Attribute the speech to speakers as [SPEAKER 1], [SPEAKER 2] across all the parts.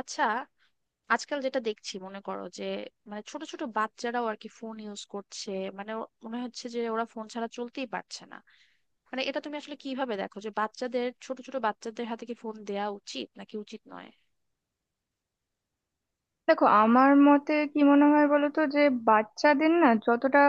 [SPEAKER 1] আচ্ছা, আজকাল যেটা দেখছি মনে করো যে মানে ছোট ছোট বাচ্চারাও আর কি ফোন ইউজ করছে। মানে মনে হচ্ছে যে ওরা ফোন ছাড়া চলতেই পারছে না। মানে এটা তুমি আসলে কিভাবে দেখো যে বাচ্চাদের ছোট ছোট বাচ্চাদের হাতে কি ফোন দেয়া উচিত নাকি উচিত নয়?
[SPEAKER 2] দেখো, আমার মতে কি মনে হয় বলো তো, যে বাচ্চাদের না যতটা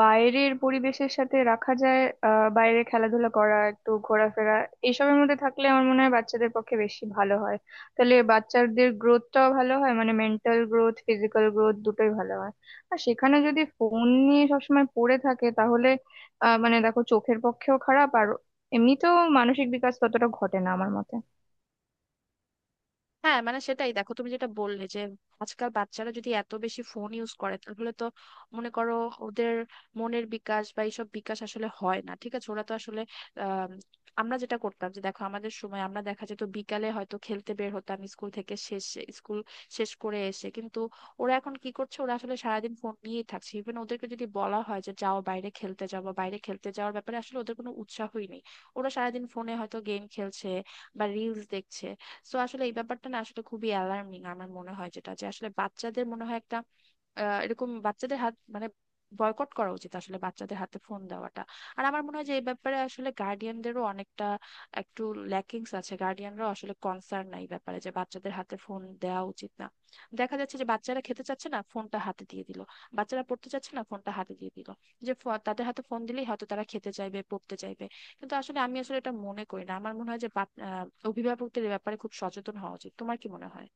[SPEAKER 2] বাইরের পরিবেশের সাথে রাখা যায়, বাইরে খেলাধুলা করা, একটু ঘোরাফেরা, এইসবের মধ্যে থাকলে আমার মনে হয় বাচ্চাদের পক্ষে বেশি ভালো হয়। তাহলে বাচ্চাদের গ্রোথটাও ভালো হয়, মানে মেন্টাল গ্রোথ, ফিজিক্যাল গ্রোথ দুটোই ভালো হয়। আর সেখানে যদি ফোন নিয়ে সবসময় পড়ে থাকে, তাহলে মানে দেখো, চোখের পক্ষেও খারাপ, আর এমনিতেও মানসিক বিকাশ ততটা ঘটে না আমার মতে।
[SPEAKER 1] হ্যাঁ, মানে সেটাই, দেখো তুমি যেটা বললে যে আজকাল বাচ্চারা যদি এত বেশি ফোন ইউজ করে তাহলে তো মনে করো ওদের মনের বিকাশ বা এইসব বিকাশ আসলে হয় না। ঠিক আছে, ওরা তো আসলে আম, আমরা যেটা করতাম যে দেখো আমাদের সময় আমরা দেখা যেত বিকালে হয়তো খেলতে বের হতাম, স্কুল থেকে শেষ স্কুল শেষ করে এসে। কিন্তু ওরা এখন কি করছে? ওরা আসলে সারাদিন ফোন নিয়েই থাকছে। ইভেন ওদেরকে যদি বলা হয় যে যাও বাইরে খেলতে যাও, বা বাইরে খেলতে যাওয়ার ব্যাপারে আসলে ওদের কোনো উৎসাহই নেই। ওরা সারাদিন ফোনে হয়তো গেম খেলছে বা রিলস দেখছে। সো আসলে এই ব্যাপারটা না আসলে খুবই অ্যালার্মিং আমার মনে হয়, যেটা যে আসলে বাচ্চাদের মনে হয় একটা এরকম বাচ্চাদের হাত মানে বয়কট করা উচিত আসলে, বাচ্চাদের হাতে ফোন দেওয়াটা। আর আমার মনে হয় যে এই ব্যাপারে আসলে গার্ডিয়ানদেরও অনেকটা একটু ল্যাকিংস আছে। গার্ডিয়ানরাও আসলে কনসার্ন নাই এই ব্যাপারে যে বাচ্চাদের হাতে ফোন দেওয়া উচিত না। দেখা যাচ্ছে যে বাচ্চারা খেতে চাচ্ছে না, ফোনটা হাতে দিয়ে দিল। বাচ্চারা পড়তে চাচ্ছে না, ফোনটা হাতে দিয়ে দিল। যে তাদের হাতে ফোন দিলেই হয়তো তারা খেতে চাইবে, পড়তে চাইবে। কিন্তু আসলে আমি আসলে এটা মনে করি না। আমার মনে হয় যে অভিভাবকদের এ ব্যাপারে খুব সচেতন হওয়া উচিত। তোমার কি মনে হয়?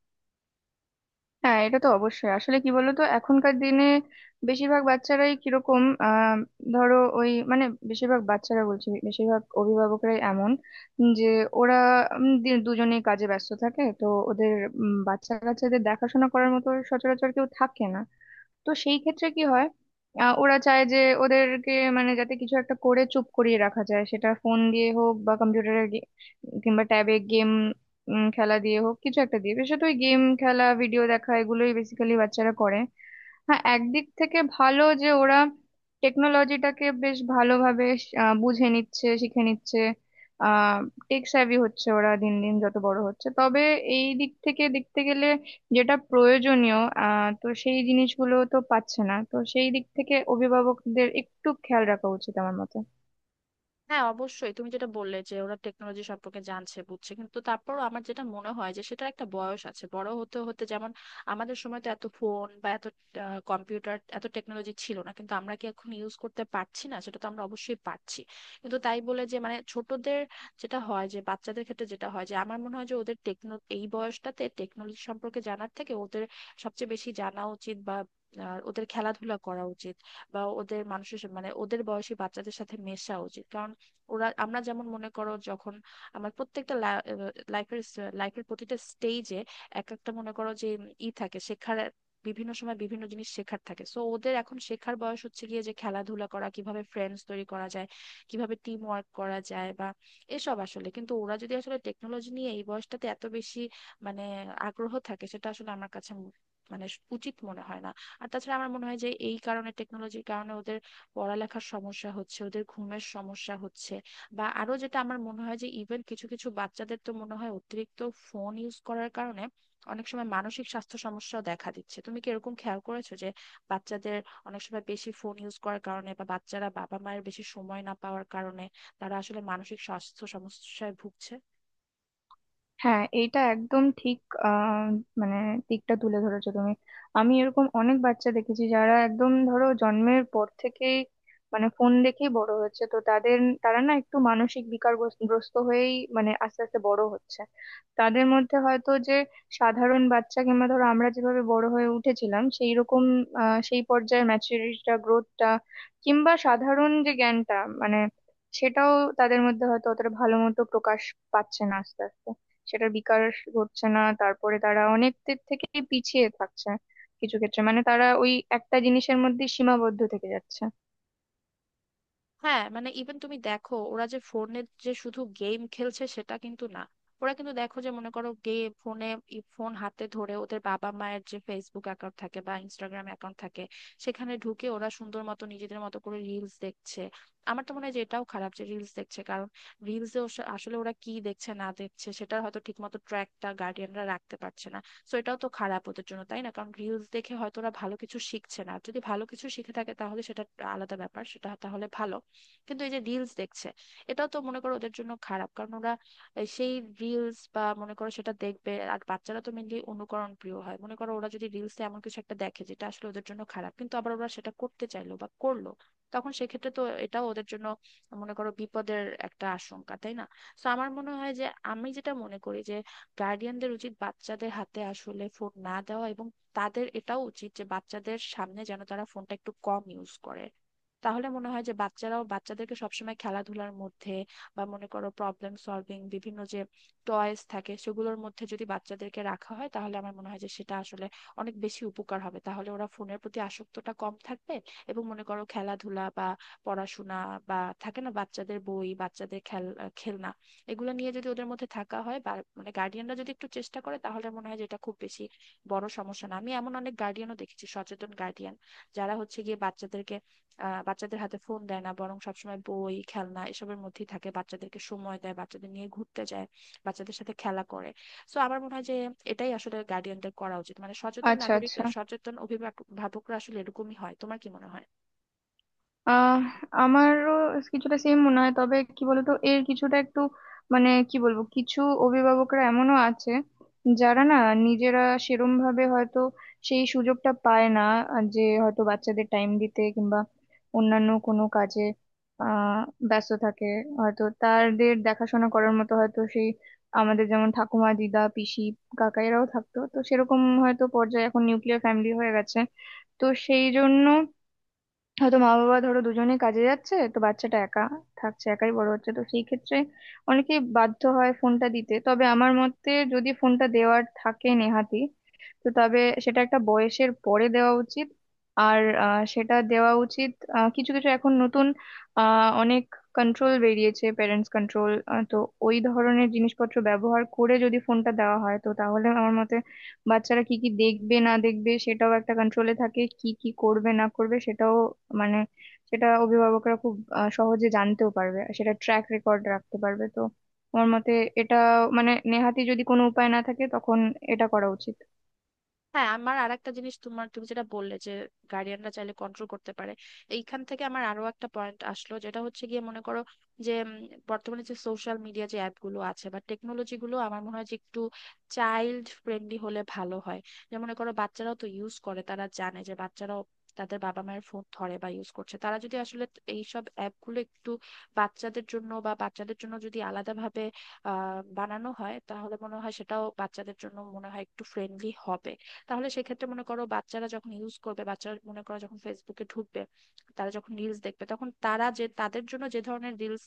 [SPEAKER 2] হ্যাঁ, এটা তো অবশ্যই। আসলে কি বলতো, এখনকার দিনে বেশিরভাগ বাচ্চারাই কিরকম ধরো ওই মানে, বেশিরভাগ বাচ্চারা বলছি, বেশিরভাগ অভিভাবকরাই এমন যে ওরা দুজনেই কাজে ব্যস্ত থাকে তো, ওদের বাচ্চা কাচ্চাদের দেখাশোনা করার মতো সচরাচর কেউ থাকে না। তো সেই ক্ষেত্রে কি হয়, ওরা চায় যে ওদেরকে, মানে, যাতে কিছু একটা করে চুপ করিয়ে রাখা যায়, সেটা ফোন দিয়ে হোক বা কম্পিউটারের কিংবা ট্যাবে গেম খেলা দিয়ে হোক, কিছু একটা দিয়ে। বিশেষত ওই গেম খেলা, ভিডিও দেখা, এগুলোই বেসিক্যালি বাচ্চারা করে। হ্যাঁ, একদিক থেকে ভালো যে ওরা টেকনোলজিটাকে বেশ ভালোভাবে বুঝে নিচ্ছে, শিখে নিচ্ছে। আহ টেক স্যাভি হচ্ছে ওরা দিন দিন যত বড় হচ্ছে। তবে এই দিক থেকে দেখতে গেলে যেটা প্রয়োজনীয় তো সেই জিনিসগুলো তো পাচ্ছে না। তো সেই দিক থেকে অভিভাবকদের একটু খেয়াল রাখা উচিত আমার মতে।
[SPEAKER 1] হ্যাঁ, অবশ্যই। তুমি যেটা বললে যে ওরা টেকনোলজি সম্পর্কে জানছে, বুঝছে, কিন্তু তারপরও আমার যেটা মনে হয় যে সেটার একটা বয়স আছে, বড় হতে হতে। যেমন আমাদের সময় তো এত ফোন বা এত কম্পিউটার, এত টেকনোলজি ছিল না, কিন্তু আমরা কি এখন ইউজ করতে পারছি না? সেটা তো আমরা অবশ্যই পারছি। কিন্তু তাই বলে যে মানে ছোটদের যেটা হয় যে বাচ্চাদের ক্ষেত্রে যেটা হয় যে আমার মনে হয় যে ওদের টেকনো এই বয়সটাতে টেকনোলজি সম্পর্কে জানার থেকে ওদের সবচেয়ে বেশি জানা উচিত বা ওদের খেলাধুলা করা উচিত, বা ওদের মানুষের সাথে- মানে ওদের বয়সী বাচ্চাদের সাথে মেশা উচিত। কারণ ওরা আমরা যেমন মনে করো যখন আমার প্রত্যেকটা লাইফের লাইফের প্রতিটা স্টেজে এক একটা মনে করো যে ই থাকে শেখার, বিভিন্ন সময় বিভিন্ন জিনিস শেখার থাকে। সো ওদের এখন শেখার বয়স হচ্ছে গিয়ে যে খেলাধুলা করা, কিভাবে ফ্রেন্ডস তৈরি করা যায়, কিভাবে টিম ওয়ার্ক করা যায় বা এসব। আসলে কিন্তু ওরা যদি আসলে টেকনোলজি নিয়ে এই বয়সটাতে এত বেশি মানে আগ্রহ থাকে, সেটা আসলে আমার কাছে ম- মানে উচিত মনে হয় না। আর তাছাড়া আমার মনে হয় যে এই কারণে টেকনোলজির কারণে ওদের পড়ালেখার সমস্যা হচ্ছে, ওদের ঘুমের সমস্যা হচ্ছে, বা আরো যেটা আমার মনে হয় যে ইভেন কিছু কিছু বাচ্চাদের তো মনে হয় অতিরিক্ত ফোন ইউজ করার কারণে অনেক সময় মানসিক স্বাস্থ্য সমস্যাও দেখা দিচ্ছে। তুমি কি এরকম খেয়াল করেছো যে বাচ্চাদের অনেক সময় বেশি ফোন ইউজ করার কারণে বা বাচ্চারা বাবা মায়ের বেশি সময় না পাওয়ার কারণে তারা আসলে মানসিক স্বাস্থ্য সমস্যায় ভুগছে?
[SPEAKER 2] হ্যাঁ, এইটা একদম ঠিক। আহ, মানে দিকটা তুলে ধরেছো তুমি। আমি এরকম অনেক বাচ্চা দেখেছি, যারা একদম ধরো জন্মের পর থেকেই মানে ফোন দেখেই বড় হচ্ছে, তো তাদের, তারা না একটু মানসিক বিকারগ্রস্ত হয়েই মানে আস্তে আস্তে বড় হচ্ছে। তাদের মধ্যে হয়তো যে সাধারণ বাচ্চা কিংবা ধরো আমরা যেভাবে বড় হয়ে উঠেছিলাম সেই রকম সেই পর্যায়ের ম্যাচুরিটিটা, গ্রোথটা কিংবা সাধারণ যে জ্ঞানটা, মানে সেটাও তাদের মধ্যে হয়তো অতটা ভালো মতো প্রকাশ পাচ্ছে না। আস্তে আস্তে সেটার বিকাশ ঘটছে না। তারপরে তারা অনেক দিক থেকে পিছিয়ে থাকছে, কিছু ক্ষেত্রে। মানে তারা ওই একটা জিনিসের মধ্যে সীমাবদ্ধ থেকে যাচ্ছে।
[SPEAKER 1] হ্যাঁ মানে ইভেন তুমি দেখো ওরা যে ফোনে যে শুধু গেম খেলছে সেটা কিন্তু না। ওরা কিন্তু দেখো যে মনে করো গেম ফোনে ফোন হাতে ধরে ওদের বাবা মায়ের যে ফেসবুক অ্যাকাউন্ট থাকে বা ইনস্টাগ্রাম অ্যাকাউন্ট থাকে সেখানে ঢুকে ওরা সুন্দর মতো নিজেদের মতো করে রিলস দেখছে। আমার তো মনে হয় যে এটাও খারাপ যে রিলস দেখছে, কারণ রিলসে আসলে ওরা কি দেখছে না দেখছে সেটার হয়তো ঠিকমতো ট্র্যাকটা গার্ডিয়ানরা রাখতে পারছে না। সো এটাও তো খারাপ ওদের জন্য, তাই না? কারণ রিলস দেখে হয়তো ওরা ভালো কিছু শিখছে না। আর যদি ভালো কিছু শিখে থাকে তাহলে সেটা আলাদা ব্যাপার, সেটা তাহলে ভালো। কিন্তু এই যে রিলস দেখছে, এটাও তো মনে করো ওদের জন্য খারাপ, কারণ ওরা এই সেই রিলস বা মনে করো সেটা দেখবে আর বাচ্চারা তো মেনলি অনুকরণ প্রিয় হয়। মনে করো ওরা যদি রিলসে এমন কিছু একটা দেখে যেটা আসলে ওদের জন্য খারাপ, কিন্তু আবার ওরা সেটা করতে চাইলো বা করলো, তখন সেক্ষেত্রে তো এটাও ওদের জন্য মনে করো বিপদের একটা আশঙ্কা, তাই না? তো আমার মনে হয় যে আমি যেটা মনে করি যে গার্ডিয়ানদের উচিত বাচ্চাদের হাতে আসলে ফোন না দেওয়া, এবং তাদের এটাও উচিত যে বাচ্চাদের সামনে যেন তারা ফোনটা একটু কম ইউজ করে। তাহলে মনে হয় যে বাচ্চারাও বাচ্চাদেরকে সবসময় খেলাধুলার মধ্যে বা মনে করো প্রবলেম সলভিং বিভিন্ন যে টয়েস থাকে সেগুলোর মধ্যে যদি বাচ্চাদেরকে রাখা হয় তাহলে আমার মনে হয় যে সেটা আসলে অনেক বেশি উপকার হবে। তাহলে ওরা ফোনের প্রতি আসক্তটা কম থাকবে। এবং মনে করো খেলাধুলা বা পড়াশোনা বা থাকে না, বাচ্চাদের বই, বাচ্চাদের খেলনা, এগুলো নিয়ে যদি ওদের মধ্যে থাকা হয় বা মানে গার্ডিয়ানরা যদি একটু চেষ্টা করে তাহলে মনে হয় যে এটা খুব বেশি বড় সমস্যা না। আমি এমন অনেক গার্ডিয়ানও দেখেছি, সচেতন গার্ডিয়ান, যারা হচ্ছে গিয়ে বাচ্চাদেরকে বাচ্চাদের হাতে ফোন দেয় না, বরং সবসময় বই, খেলনা এসবের মধ্যেই থাকে, বাচ্চাদেরকে সময় দেয়, বাচ্চাদের নিয়ে ঘুরতে যায়, বাচ্চাদের সাথে খেলা করে। সো আমার মনে হয় যে এটাই আসলে গার্ডিয়ানদের করা উচিত। মানে সচেতন
[SPEAKER 2] আচ্ছা,
[SPEAKER 1] নাগরিক,
[SPEAKER 2] আচ্ছা।
[SPEAKER 1] সচেতন অভিভাবক- অভিভাবকরা আসলে এরকমই হয়। তোমার কি মনে হয়?
[SPEAKER 2] আহ আমারও কিছুটা সেম মনে হয়, তবে কি বলতো, এর কিছুটা একটু মানে কি বলবো, কিছু অভিভাবকরা এমনও আছে যারা না নিজেরা সেরম ভাবে হয়তো সেই সুযোগটা পায় না। আর যে হয়তো বাচ্চাদের টাইম দিতে কিংবা অন্যান্য কোনো কাজে আহ ব্যস্ত থাকে। হয়তো তাদের দেখাশোনা করার মতো হয়তো সেই, আমাদের যেমন ঠাকুমা, দিদা, পিসি, কাকা এরাও থাকতো, তো সেরকম হয়তো পর্যায়ে, এখন নিউক্লিয়ার ফ্যামিলি হয়ে গেছে। তো সেই জন্য হয়তো মা বাবা ধরো দুজনেই কাজে যাচ্ছে, তো বাচ্চাটা একা থাকছে, একাই বড় হচ্ছে। তো সেই ক্ষেত্রে অনেকে বাধ্য হয় ফোনটা দিতে। তবে আমার মতে, যদি ফোনটা দেওয়ার থাকে নেহাতি, তো তবে সেটা একটা বয়সের পরে দেওয়া উচিত। আর সেটা দেওয়া উচিত, কিছু কিছু এখন নতুন অনেক কন্ট্রোল বেরিয়েছে, প্যারেন্টস কন্ট্রোল। তো ওই ধরনের জিনিসপত্র ব্যবহার করে যদি ফোনটা দেওয়া হয়, তো তাহলে আমার মতে বাচ্চারা কি কি দেখবে না দেখবে সেটাও একটা কন্ট্রোলে থাকে, কি কি করবে না করবে সেটাও, মানে সেটা অভিভাবকরা খুব সহজে জানতেও পারবে আর সেটা ট্র্যাক রেকর্ড রাখতে পারবে। তো আমার মতে এটা মানে নেহাতি যদি কোনো উপায় না থাকে, তখন এটা করা উচিত।
[SPEAKER 1] হ্যাঁ, আমার আর একটা জিনিস, তোমার তুমি যেটা বললে যে গার্ডিয়ানরা চাইলে কন্ট্রোল করতে পারে, এইখান থেকে আমার আরো একটা পয়েন্ট আসলো, যেটা হচ্ছে গিয়ে মনে করো যে বর্তমানে যে সোশ্যাল মিডিয়া যে অ্যাপ গুলো আছে বা টেকনোলজি গুলো, আমার মনে হয় যে একটু চাইল্ড ফ্রেন্ডলি হলে ভালো হয়। যে মনে করো বাচ্চারাও তো ইউজ করে, তারা জানে যে বাচ্চারাও তাদের বাবা মায়ের ফোন ধরে বা ইউজ করছে। তারা যদি আসলে এইসব অ্যাপ গুলো একটু বাচ্চাদের জন্য বা বাচ্চাদের জন্য যদি আলাদাভাবে বানানো হয় তাহলে মনে হয় সেটাও বাচ্চাদের জন্য মনে হয় একটু ফ্রেন্ডলি হবে। তাহলে সেক্ষেত্রে মনে করো বাচ্চারা যখন ইউজ করবে, বাচ্চারা মনে করো যখন ফেসবুকে ঢুকবে, তারা যখন রিলস দেখবে, তখন তারা যে তাদের জন্য যে ধরনের রিলস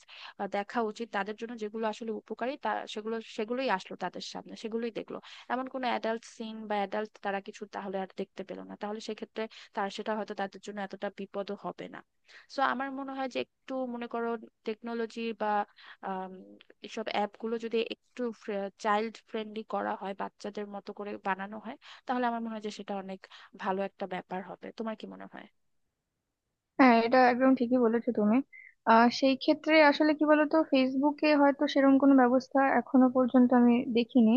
[SPEAKER 1] দেখা উচিত, তাদের জন্য যেগুলো আসলে উপকারী, তা সেগুলো সেগুলোই আসলো তাদের সামনে, সেগুলোই দেখলো। এমন কোনো অ্যাডাল্ট সিন বা অ্যাডাল্ট তারা কিছু তাহলে আর দেখতে পেলো না, তাহলে সেক্ষেত্রে তার সেটা হয়তো তাদের জন্য এতটা বিপদও হবে না। সো আমার মনে হয় যে একটু মনে করো টেকনোলজি বা আম, এসব অ্যাপ গুলো যদি একটু চাইল্ড ফ্রেন্ডলি করা হয়, বাচ্চাদের মতো করে বানানো হয়, তাহলে আমার মনে হয় যে সেটা অনেক ভালো একটা ব্যাপার হবে। তোমার কি মনে হয়?
[SPEAKER 2] হ্যাঁ, এটা একদম ঠিকই বলেছো তুমি। সেই ক্ষেত্রে আসলে কি বলতো, ফেসবুকে হয়তো সেরকম কোনো ব্যবস্থা এখনো পর্যন্ত আমি দেখিনি।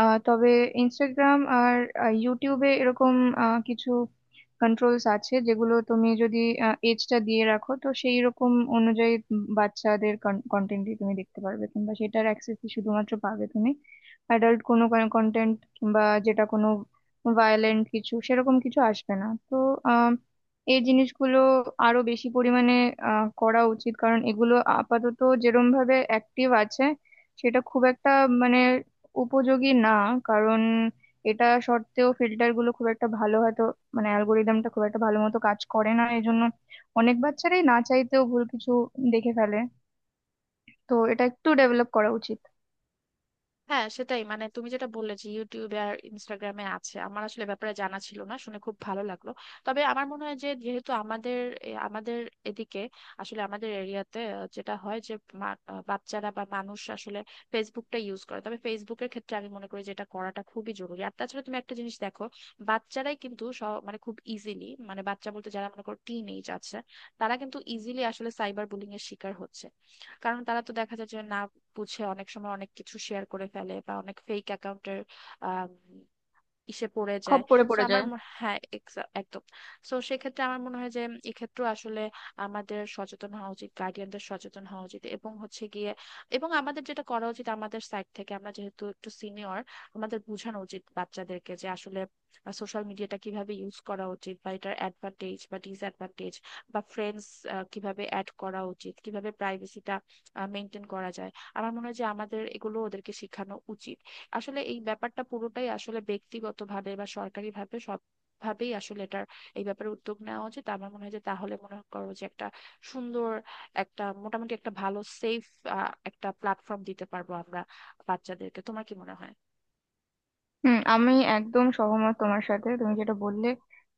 [SPEAKER 2] তবে ইনস্টাগ্রাম আর ইউটিউবে এরকম কিছু কন্ট্রোলস আছে, যেগুলো তুমি যদি এজটা দিয়ে রাখো, তো সেই রকম অনুযায়ী বাচ্চাদের কন্টেন্টই তুমি দেখতে পারবে, কিংবা সেটার অ্যাক্সেসই শুধুমাত্র পাবে তুমি। অ্যাডাল্ট কোনো কন্টেন্ট কিংবা যেটা কোনো ভায়োলেন্ট কিছু, সেরকম কিছু আসবে না। তো এই জিনিসগুলো আরো বেশি পরিমাণে করা উচিত, কারণ এগুলো আপাতত যেরম ভাবে অ্যাক্টিভ আছে সেটা খুব একটা মানে উপযোগী না। কারণ এটা সত্ত্বেও ফিল্টার গুলো খুব একটা ভালো হয়তো, মানে অ্যালগোরিদমটা খুব একটা ভালো মতো কাজ করে না, এই জন্য অনেক বাচ্চারাই না চাইতেও ভুল কিছু দেখে ফেলে। তো এটা একটু ডেভেলপ করা উচিত।
[SPEAKER 1] হ্যাঁ, সেটাই, মানে তুমি যেটা বললে যে ইউটিউবে আর ইনস্টাগ্রামে আছে, আমার আসলে ব্যাপারে জানা ছিল না, শুনে খুব ভালো লাগলো। তবে আমার মনে হয় যে যেহেতু আমাদের আমাদের এদিকে আসলে আমাদের এরিয়াতে যেটা হয় যে বাচ্চারা বা মানুষ আসলে ফেসবুকটা ইউজ করে, তবে ফেসবুকের ক্ষেত্রে আমি মনে করি যে এটা করাটা খুবই জরুরি। আর তাছাড়া তুমি একটা জিনিস দেখো, বাচ্চারাই কিন্তু সব- মানে খুব ইজিলি, মানে বাচ্চা বলতে যারা মনে করো টিন এজ আছে, তারা কিন্তু ইজিলি আসলে সাইবার বুলিং এর শিকার হচ্ছে। কারণ তারা তো দেখা যায় যে না বুঝে অনেক সময় অনেক কিছু শেয়ার করে ফেলে বা অনেক ফেক অ্যাকাউন্টের ইসে পড়ে যায়।
[SPEAKER 2] খপ করে
[SPEAKER 1] সো
[SPEAKER 2] পড়ে
[SPEAKER 1] আমার
[SPEAKER 2] যায়।
[SPEAKER 1] মনে- হ্যাঁ, একদম। সো সেক্ষেত্রে আমার মনে হয় যে এক্ষেত্রে আসলে আমাদের সচেতন হওয়া উচিত, গার্ডিয়ানদের সচেতন হওয়া উচিত, এবং হচ্ছে গিয়ে এবং আমাদের যেটা করা উচিত আমাদের সাইড থেকে, আমরা যেহেতু একটু সিনিয়র, আমাদের বোঝানো উচিত বাচ্চাদেরকে যে আসলে সোশ্যাল মিডিয়াটা কিভাবে ইউজ করা উচিত, বা এটার অ্যাডভান্টেজ বা ডিসঅ্যাডভান্টেজ, বা ফ্রেন্ডস কিভাবে অ্যাড করা উচিত, কিভাবে প্রাইভেসিটা মেনটেন করা যায়। আমার মনে হয় যে আমাদের এগুলো ওদেরকে শেখানো উচিত। আসলে এই ব্যাপারটা পুরোটাই আসলে ব্যক্তিগতভাবে বা সরকারিভাবে সব ভাবেই আসলে এটার এই ব্যাপারে উদ্যোগ নেওয়া উচিত আমার মনে হয়। যে তাহলে মনে করো যে একটা সুন্দর একটা মোটামুটি একটা ভালো সেফ একটা প্ল্যাটফর্ম দিতে পারবো আমরা বাচ্চাদেরকে। তোমার কি মনে হয়?
[SPEAKER 2] হুম, আমি একদম সহমত তোমার সাথে। তুমি যেটা বললে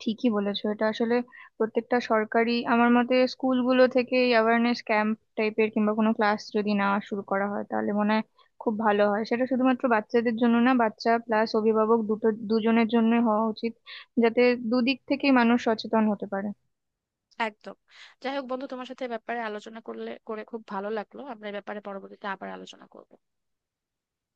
[SPEAKER 2] ঠিকই বলেছো। এটা আসলে প্রত্যেকটা সরকারি আমার মতে স্কুলগুলো থেকে অ্যাওয়ারনেস ক্যাম্প টাইপের কিংবা কোনো ক্লাস যদি না শুরু করা হয়, তাহলে মনে হয় খুব ভালো হয়। সেটা শুধুমাত্র বাচ্চাদের জন্য না, বাচ্চা প্লাস অভিভাবক দুটো দুজনের জন্য হওয়া উচিত, যাতে দুদিক থেকেই মানুষ সচেতন হতে পারে।
[SPEAKER 1] একদম। যাই হোক বন্ধু, তোমার সাথে এ ব্যাপারে আলোচনা করলে করে খুব ভালো লাগলো। আমরা এ ব্যাপারে পরবর্তীতে আবার আলোচনা করবো।